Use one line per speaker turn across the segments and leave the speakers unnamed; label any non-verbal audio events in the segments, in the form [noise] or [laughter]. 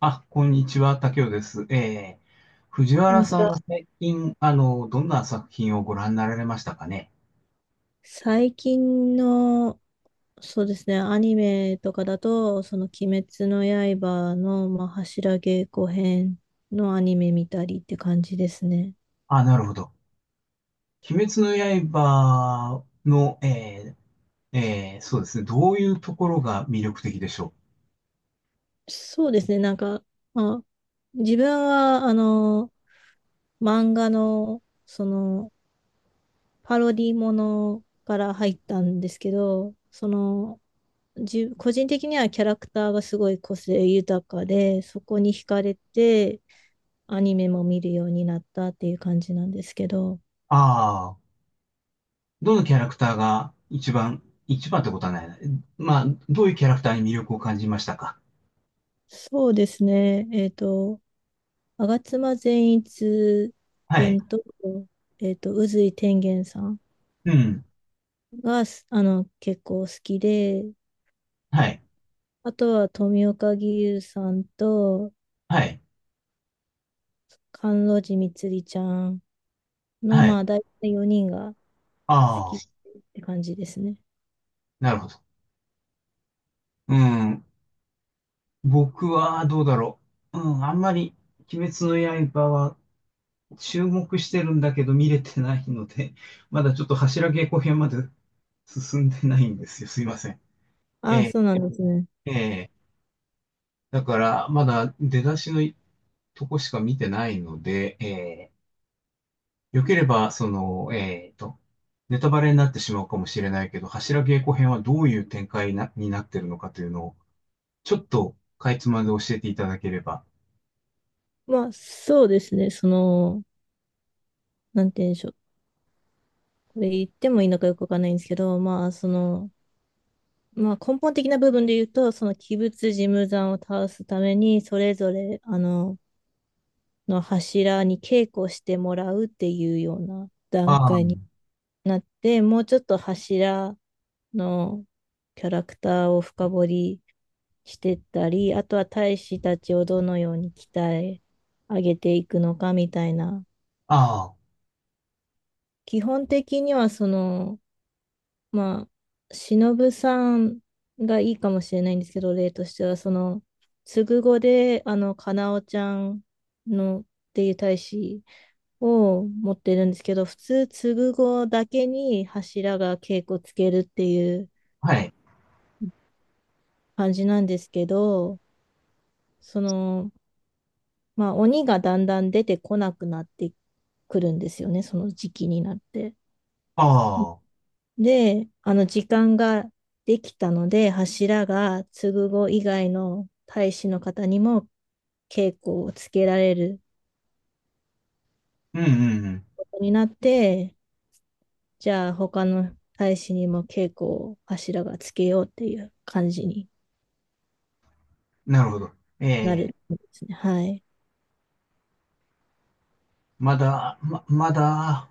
あ、こんにちは、竹雄です。藤
こん
原
にち
さん
は。
は最近、どんな作品をご覧になられましたかね。
最近の、そうですね、アニメとかだと、その鬼滅の刃の、まあ、柱稽古編のアニメ見たりって感じですね。
あ、なるほど。鬼滅の刃の、そうですね、どういうところが魅力的でしょう。
そうですね、なんか、まあ、自分は、漫画の、その、パロディものから入ったんですけど、個人的にはキャラクターがすごい個性豊かで、そこに惹かれて、アニメも見るようになったっていう感じなんですけど、
ああー、どのキャラクターが一番、一番ってことはないな。まあ、どういうキャラクターに魅力を感じましたか。
そうですね、吾妻善一
はい。
君と、宇髄天元さん
うん。
が、すあの、結構好きで、
はい。
あとは富岡義勇さんと、
はい。
甘露寺みつりちゃんの、
はい。
まあ、大体4人が好
あ
きっ
あ、
て感じですね。
なるほど。うん。僕はどうだろう。うん、あんまり鬼滅の刃は注目してるんだけど見れてないので、[laughs] まだちょっと柱稽古編まで進んでないんですよ。すいません。え
ああ、
え、
そうなんですね。
ええ。だから、まだ出だしのとこしか見てないので、ええ、よければ、その、ええと、ネタバレになってしまうかもしれないけど、柱稽古編はどういう展開なになってるのかというのを、ちょっとかいつまんで教えていただければ。
まあ、そうですね、なんて言うんでしょう。これ言ってもいいのかよくわかんないんですけど、まあ、根本的な部分で言うと、その鬼物事務山を倒すために、それぞれ、柱に稽古してもらうっていうような段
ああ、
階になって、もうちょっと柱のキャラクターを深掘りしてったり、あとは大使たちをどのように鍛え上げていくのかみたいな。
ああ、
基本的にはまあ、忍さんがいいかもしれないんですけど、例としては、つぐ語で、かなおちゃんのっていう大使を持ってるんですけど、普通、つぐ語だけに柱が稽古つけるっていう
はい。
感じなんですけど、その、鬼がだんだん出てこなくなってくるんですよね、その時期になって。
ああ、
で、あの時間ができたので、柱が継子以外の大使の方にも稽古をつけられる
うんうんうん。
ことになって、じゃあ他の大使にも稽古を柱がつけようっていう感じに
なるほど。え
なる
え、
んですね。はい。
まだ、ま、まだ、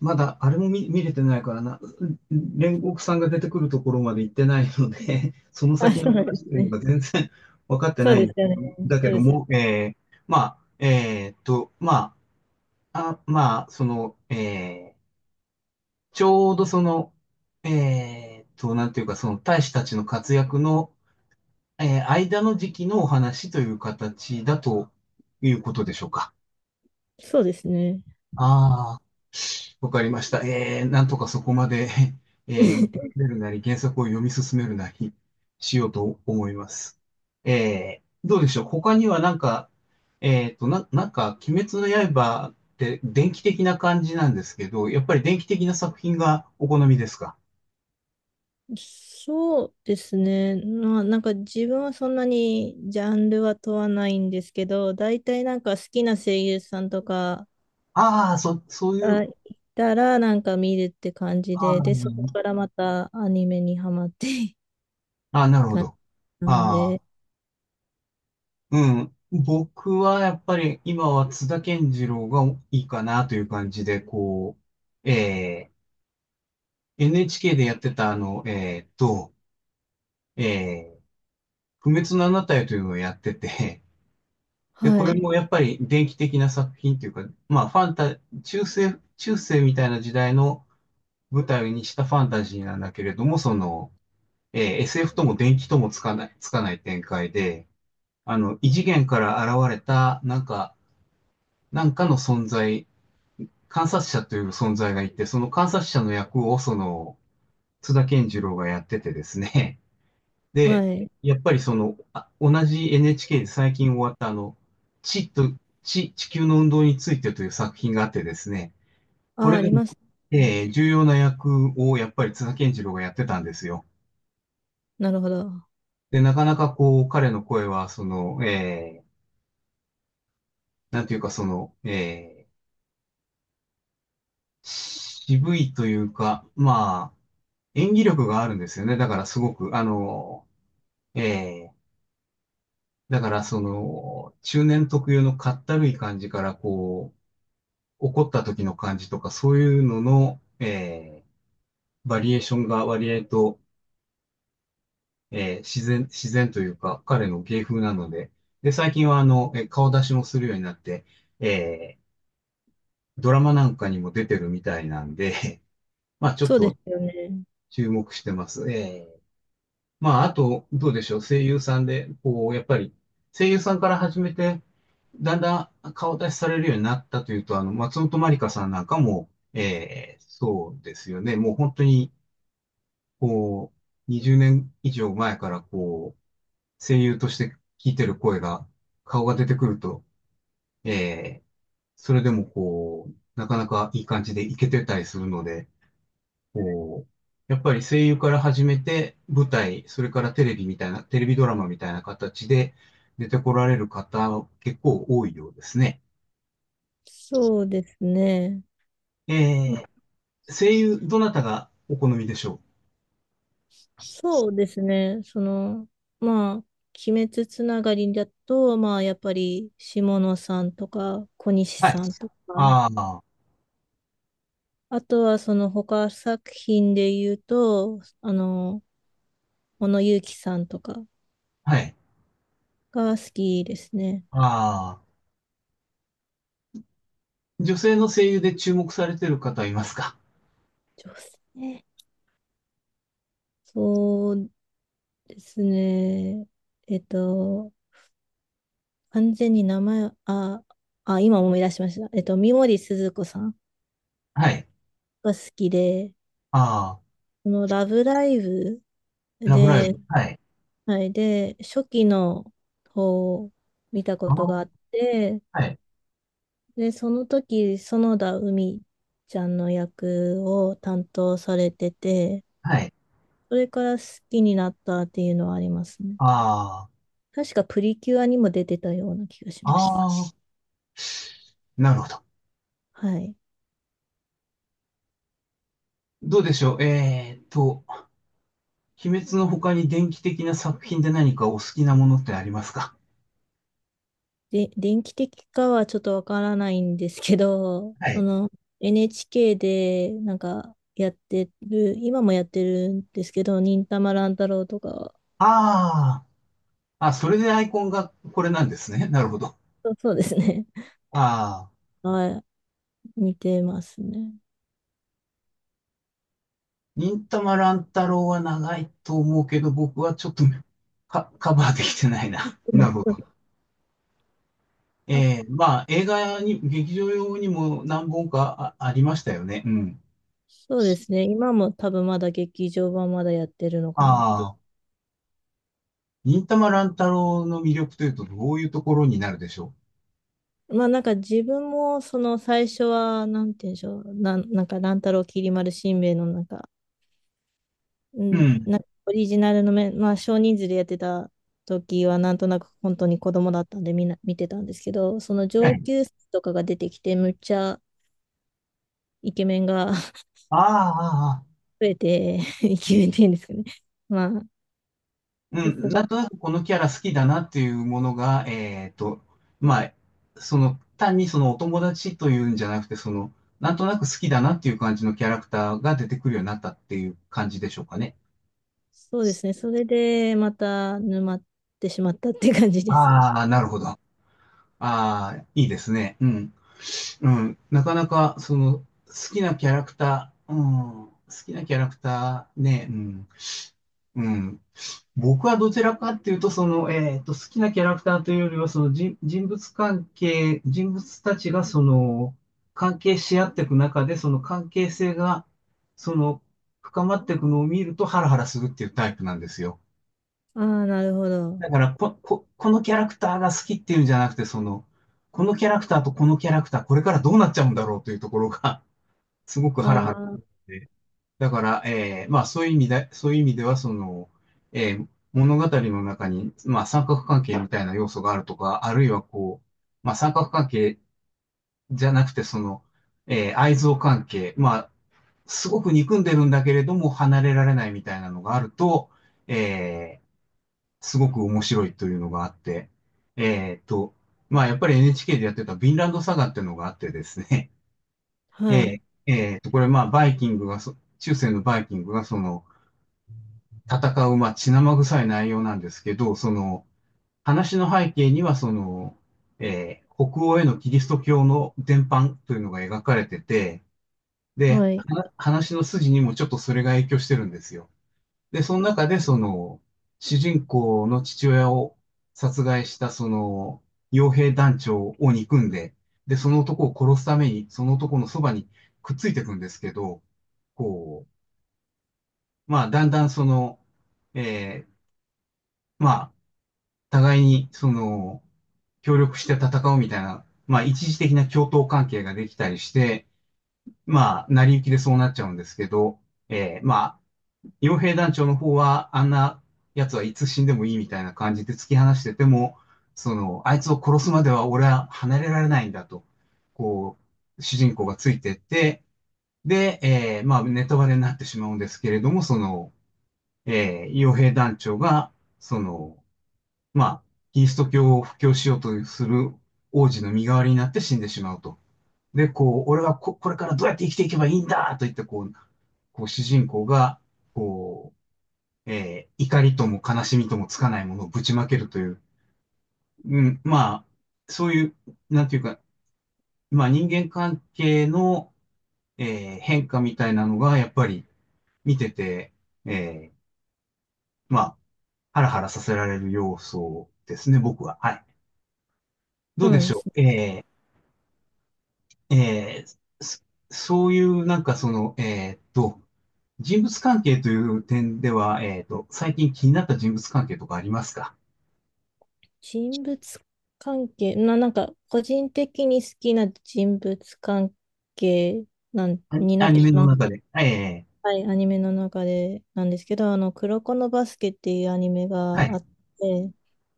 まだ、あれも見れてないからな、煉獄さんが出てくるところまで行ってないので、[laughs] その
あ、
先
そ
の
うなんで
話
す
というの
ね。
が全然 [laughs] 分かって
そう
ない
で
ん
す
だけ
よね。
ど、だ
そ
け
う
ど
ですよね。
も、ええ、まあ、まあ、その、ええ、ちょうどその、なんていうか、その大使たちの活躍の、ええ、間の時期のお話という形だということでしょうか。
そうですね。
ああ、わかりました。なんとかそこまで、[laughs] 見進めるなり、原作を読み進めるなりしようと思います。どうでしょう。他にはなんか、なんか、鬼滅の刃って電気的な感じなんですけど、やっぱり電気的な作品がお好みですか。
そうですね。まあ、なんか自分はそんなにジャンルは問わないんですけど、大体なんか好きな声優さんとか
そうい
が
う、
いたらなんか見るって感じ
あ
で、で、そこ
ー
からまたアニメにハマって [laughs]
あなるほ
感
ど。
じなん
ああ、
で、
うん。僕はやっぱり今は津田健次郎がいいかなという感じで、こう、ええ NHK でやってた、あの、えー不滅のあなたへというのをやってて、で、こ
は
れ
い、
もやっぱり電気的な作品というか、まあ、ファンタ、中世、中世みたいな時代の舞台にしたファンタジーなんだけれども、その、えー SF とも電気ともつかない、つかない展開で、あの、異次元から現れた、なんか、なんかの存在、観察者という存在がいて、その観察者の役を、その、津田健次郎がやっててですね、
は
で、
い。
やっぱりその、あ、同じ NHK で最近終わったあの、地と、地、地球の運動についてという作品があってですね、こ
あ、
れ
あ
が、
りますね。
えー重要な役をやっぱり津田健次郎がやってたんですよ。
なるほど。
で、なかなかこう、彼の声は、その、なんていうかその、渋いというか、まあ、演技力があるんですよね。だからすごく、あの、えーだからその、中年特有のかったるい感じから、こう、怒った時の感じとか、そういうのの、えー、バリエーションが割合と、えー、自然というか、彼の芸風なので、で、最近はあの、えー顔出しもするようになって、えー、ドラマなんかにも出てるみたいなんで、[laughs] まあちょっ
そうで
と
すよね。
注目してます。まああと、どうでしょう、声優さんで、こう、やっぱり、声優さんから始めて、だんだん顔出しされるようになったというと、あの、松本まりかさんなんかも、えー、そうですよね。もう本当に、こう、20年以上前からこう、声優として聞いてる声が、顔が出てくると、えー、それでもこう、なかなかいい感じでいけてたりするので、こう、やっぱり声優から始めて、舞台、それからテレビみたいな、テレビドラマみたいな形で出てこられる方、結構多いようですね。
そうですね。
えー、声優、どなたがお好みでしょ
そうですね。まあ、鬼滅つながりだと、まあ、やっぱり、下野さんとか、小西
う。はい。
さんとか、
ああ、
あとは、その他作品で言うと、小野友樹さんとか
はい。
が好きですね。
ああ。女性の声優で注目されてる方いますか。
女性。そうですね。えっと、完全に名前を、あ、あ、今思い出しました。三森すずこさん
はい。
が好きで、
ああ、
このラブライブ
ラブライ
で、
ブ。はい。
はい。で、初期の方を見た
あ
こと
あ、
があって、
はい。
で、その時、園田海ちゃんの役を担当されてて、
はい。
それから好きになったっていうのはありますね。
あ
確かプリキュアにも出てたような気がし
あ、
ます。
ああ、なるほど。
はい。
どうでしょう。えーっと、鬼滅の他に電気的な作品で何かお好きなものってありますか。
で、電気的かはちょっとわからないんですけど、
は
そ
い。
の NHK でなんかやってる、今もやってるんですけど、忍たま乱太郎とかは、
ああ、あ、それでアイコンがこれなんですね。なるほど。
そうですね。
ああ、
[laughs] はい。似てますね。
忍たま乱太郎は長いと思うけど、僕はちょっと [laughs] カバーできてないな。
う
なるほ
ん
ど。え
あ、
えまあ、映画に、劇場用にも何本かありましたよね。うん。
そうですね。今も多分まだ劇場版まだやってるのかなって。
ああ、忍たま乱太郎の魅力というと、どういうところになるでしょ
まあなんか自分もその最初は、なんて言うんでしょう。なんか乱太郎きり丸しんべヱのなんか、う
う。う
ん、
ん。
なんかオリジナルのまあ少人数でやってた時はなんとなく本当に子供だったんでみんな見てたんですけど、その
は
上
い。
級生とかが出てきてむっちゃイケメンが [laughs]
ああ、ああ、
増えて、[laughs] イケメンって言うんですかね。まあ、
う
で
ん。
すご
な
い
んとなくこのキャラ好きだなっていうものが、えっと、まあ、その、単にそのお友達というんじゃなくて、その、なんとなく好きだなっていう感じのキャラクターが出てくるようになったっていう感じでしょうかね。
そうですね。それで、また沼ってしまったって感じですね。
ああ、なるほど。ああ、いいですね。うん。うん、なかなか、その、好きなキャラクター、うん、好きなキャラクターね、うん、うん。僕はどちらかっていうと、その、えっと、好きなキャラクターというよりは、人物関係、人物たちが、その、関係し合っていく中で、その関係性が、その、深まっていくのを見るとハラハラするっていうタイプなんですよ。
ああ、なるほど。
だから、このキャラクターが好きっていうんじゃなくて、その、このキャラクターとこのキャラクター、これからどうなっちゃうんだろうというところが、すごく
あ
ハラハラす
あ、
るので。だから、えーまあそういう意味で、そういう意味では、その、えー物語の中に、まあ三角関係みたいな要素があるとか、あるいはこう、まあ三角関係じゃなくて、その、えー愛憎関係、まあ、すごく憎んでるんだけれども離れられないみたいなのがあると、えーすごく面白いというのがあって、えーっと、まあやっぱり NHK でやってたヴィンランドサガっていうのがあってですね。え
はい。
え、ええと、これまあ、バイキングがそ、中世のバイキングがその、戦う、まあ、血生臭い内容なんですけど、その、話の背景には、その、えー北欧へのキリスト教の伝播というのが描かれてて、で、
はい。
話の筋にもちょっとそれが影響してるんですよ。で、その中で、その、主人公の父親を殺害した、その、傭兵団長を憎んで、で、その男を殺すために、その男のそばにくっついていくんですけど、こう、まあ、だんだんその、えーまあ、互いに、その、協力して戦うみたいな、まあ、一時的な共闘関係ができたりして、まあ、成り行きでそうなっちゃうんですけど、えーまあ、傭兵団長の方は、あんな奴はいつ死んでもいいみたいな感じで突き放してても、その、あいつを殺すまでは俺は離れられないんだと、こう、主人公がついてって、で、えーまあ、ネタバレになってしまうんですけれども、その、えー、傭兵団長が、その、まあ、キリスト教を布教しようとする王子の身代わりになって死んでしまうと。で、こう、俺はこ、これからどうやって生きていけばいいんだと言って、こう、こう主人公が、こう、えー怒りとも悲しみともつかないものをぶちまけるという、うん、まあ、そういう、なんていうか、まあ人間関係の、えー変化みたいなのが、やっぱり見てて、えーまあ、ハラハラさせられる要素ですね、僕は。はい。ど
そ
う
う
で
なん
し
で
ょ
すね。
う。ーえーそそういう、なんかその、えーっと、人物関係という点では、えーっと、最近気になった人物関係とかありますか。
人物関係、な、なんか、個人的に好きな人物関係に
あ
な
ア
っ
ニ
てし
メの
まう。
中で。ええ
はい、アニメの中でなんですけど、黒子のバスケっていうアニメ
は
があ
い。
って、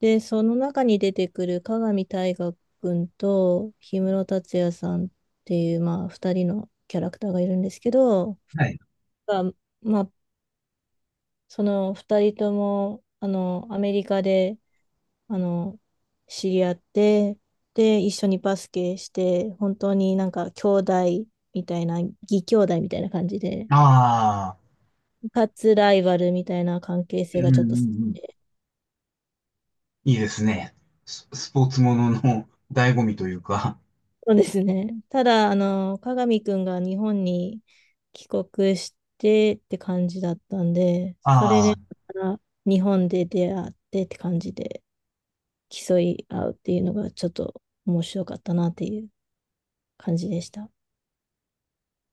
で、その中に出てくる加賀見大河君と氷室達也さんっていう、まあ、二人のキャラクターがいるんですけど、
はい
がまあ、その二人とも、アメリカで、あの、知り合って、で、一緒にバスケして、本当になんか兄弟みたいな、義兄弟みたいな感じで、
ああ、
かつライバルみたいな関係
う
性
んう
がちょっと、そ
んうん。いいですね。スポーツものの醍醐味というか。
うですね。ただ、あの、加賀美くんが日本に帰国してって感じだったんで、それ
あ
で、また日本で出会ってって感じで競い合うっていうのがちょっと面白かったなっていう感じでした。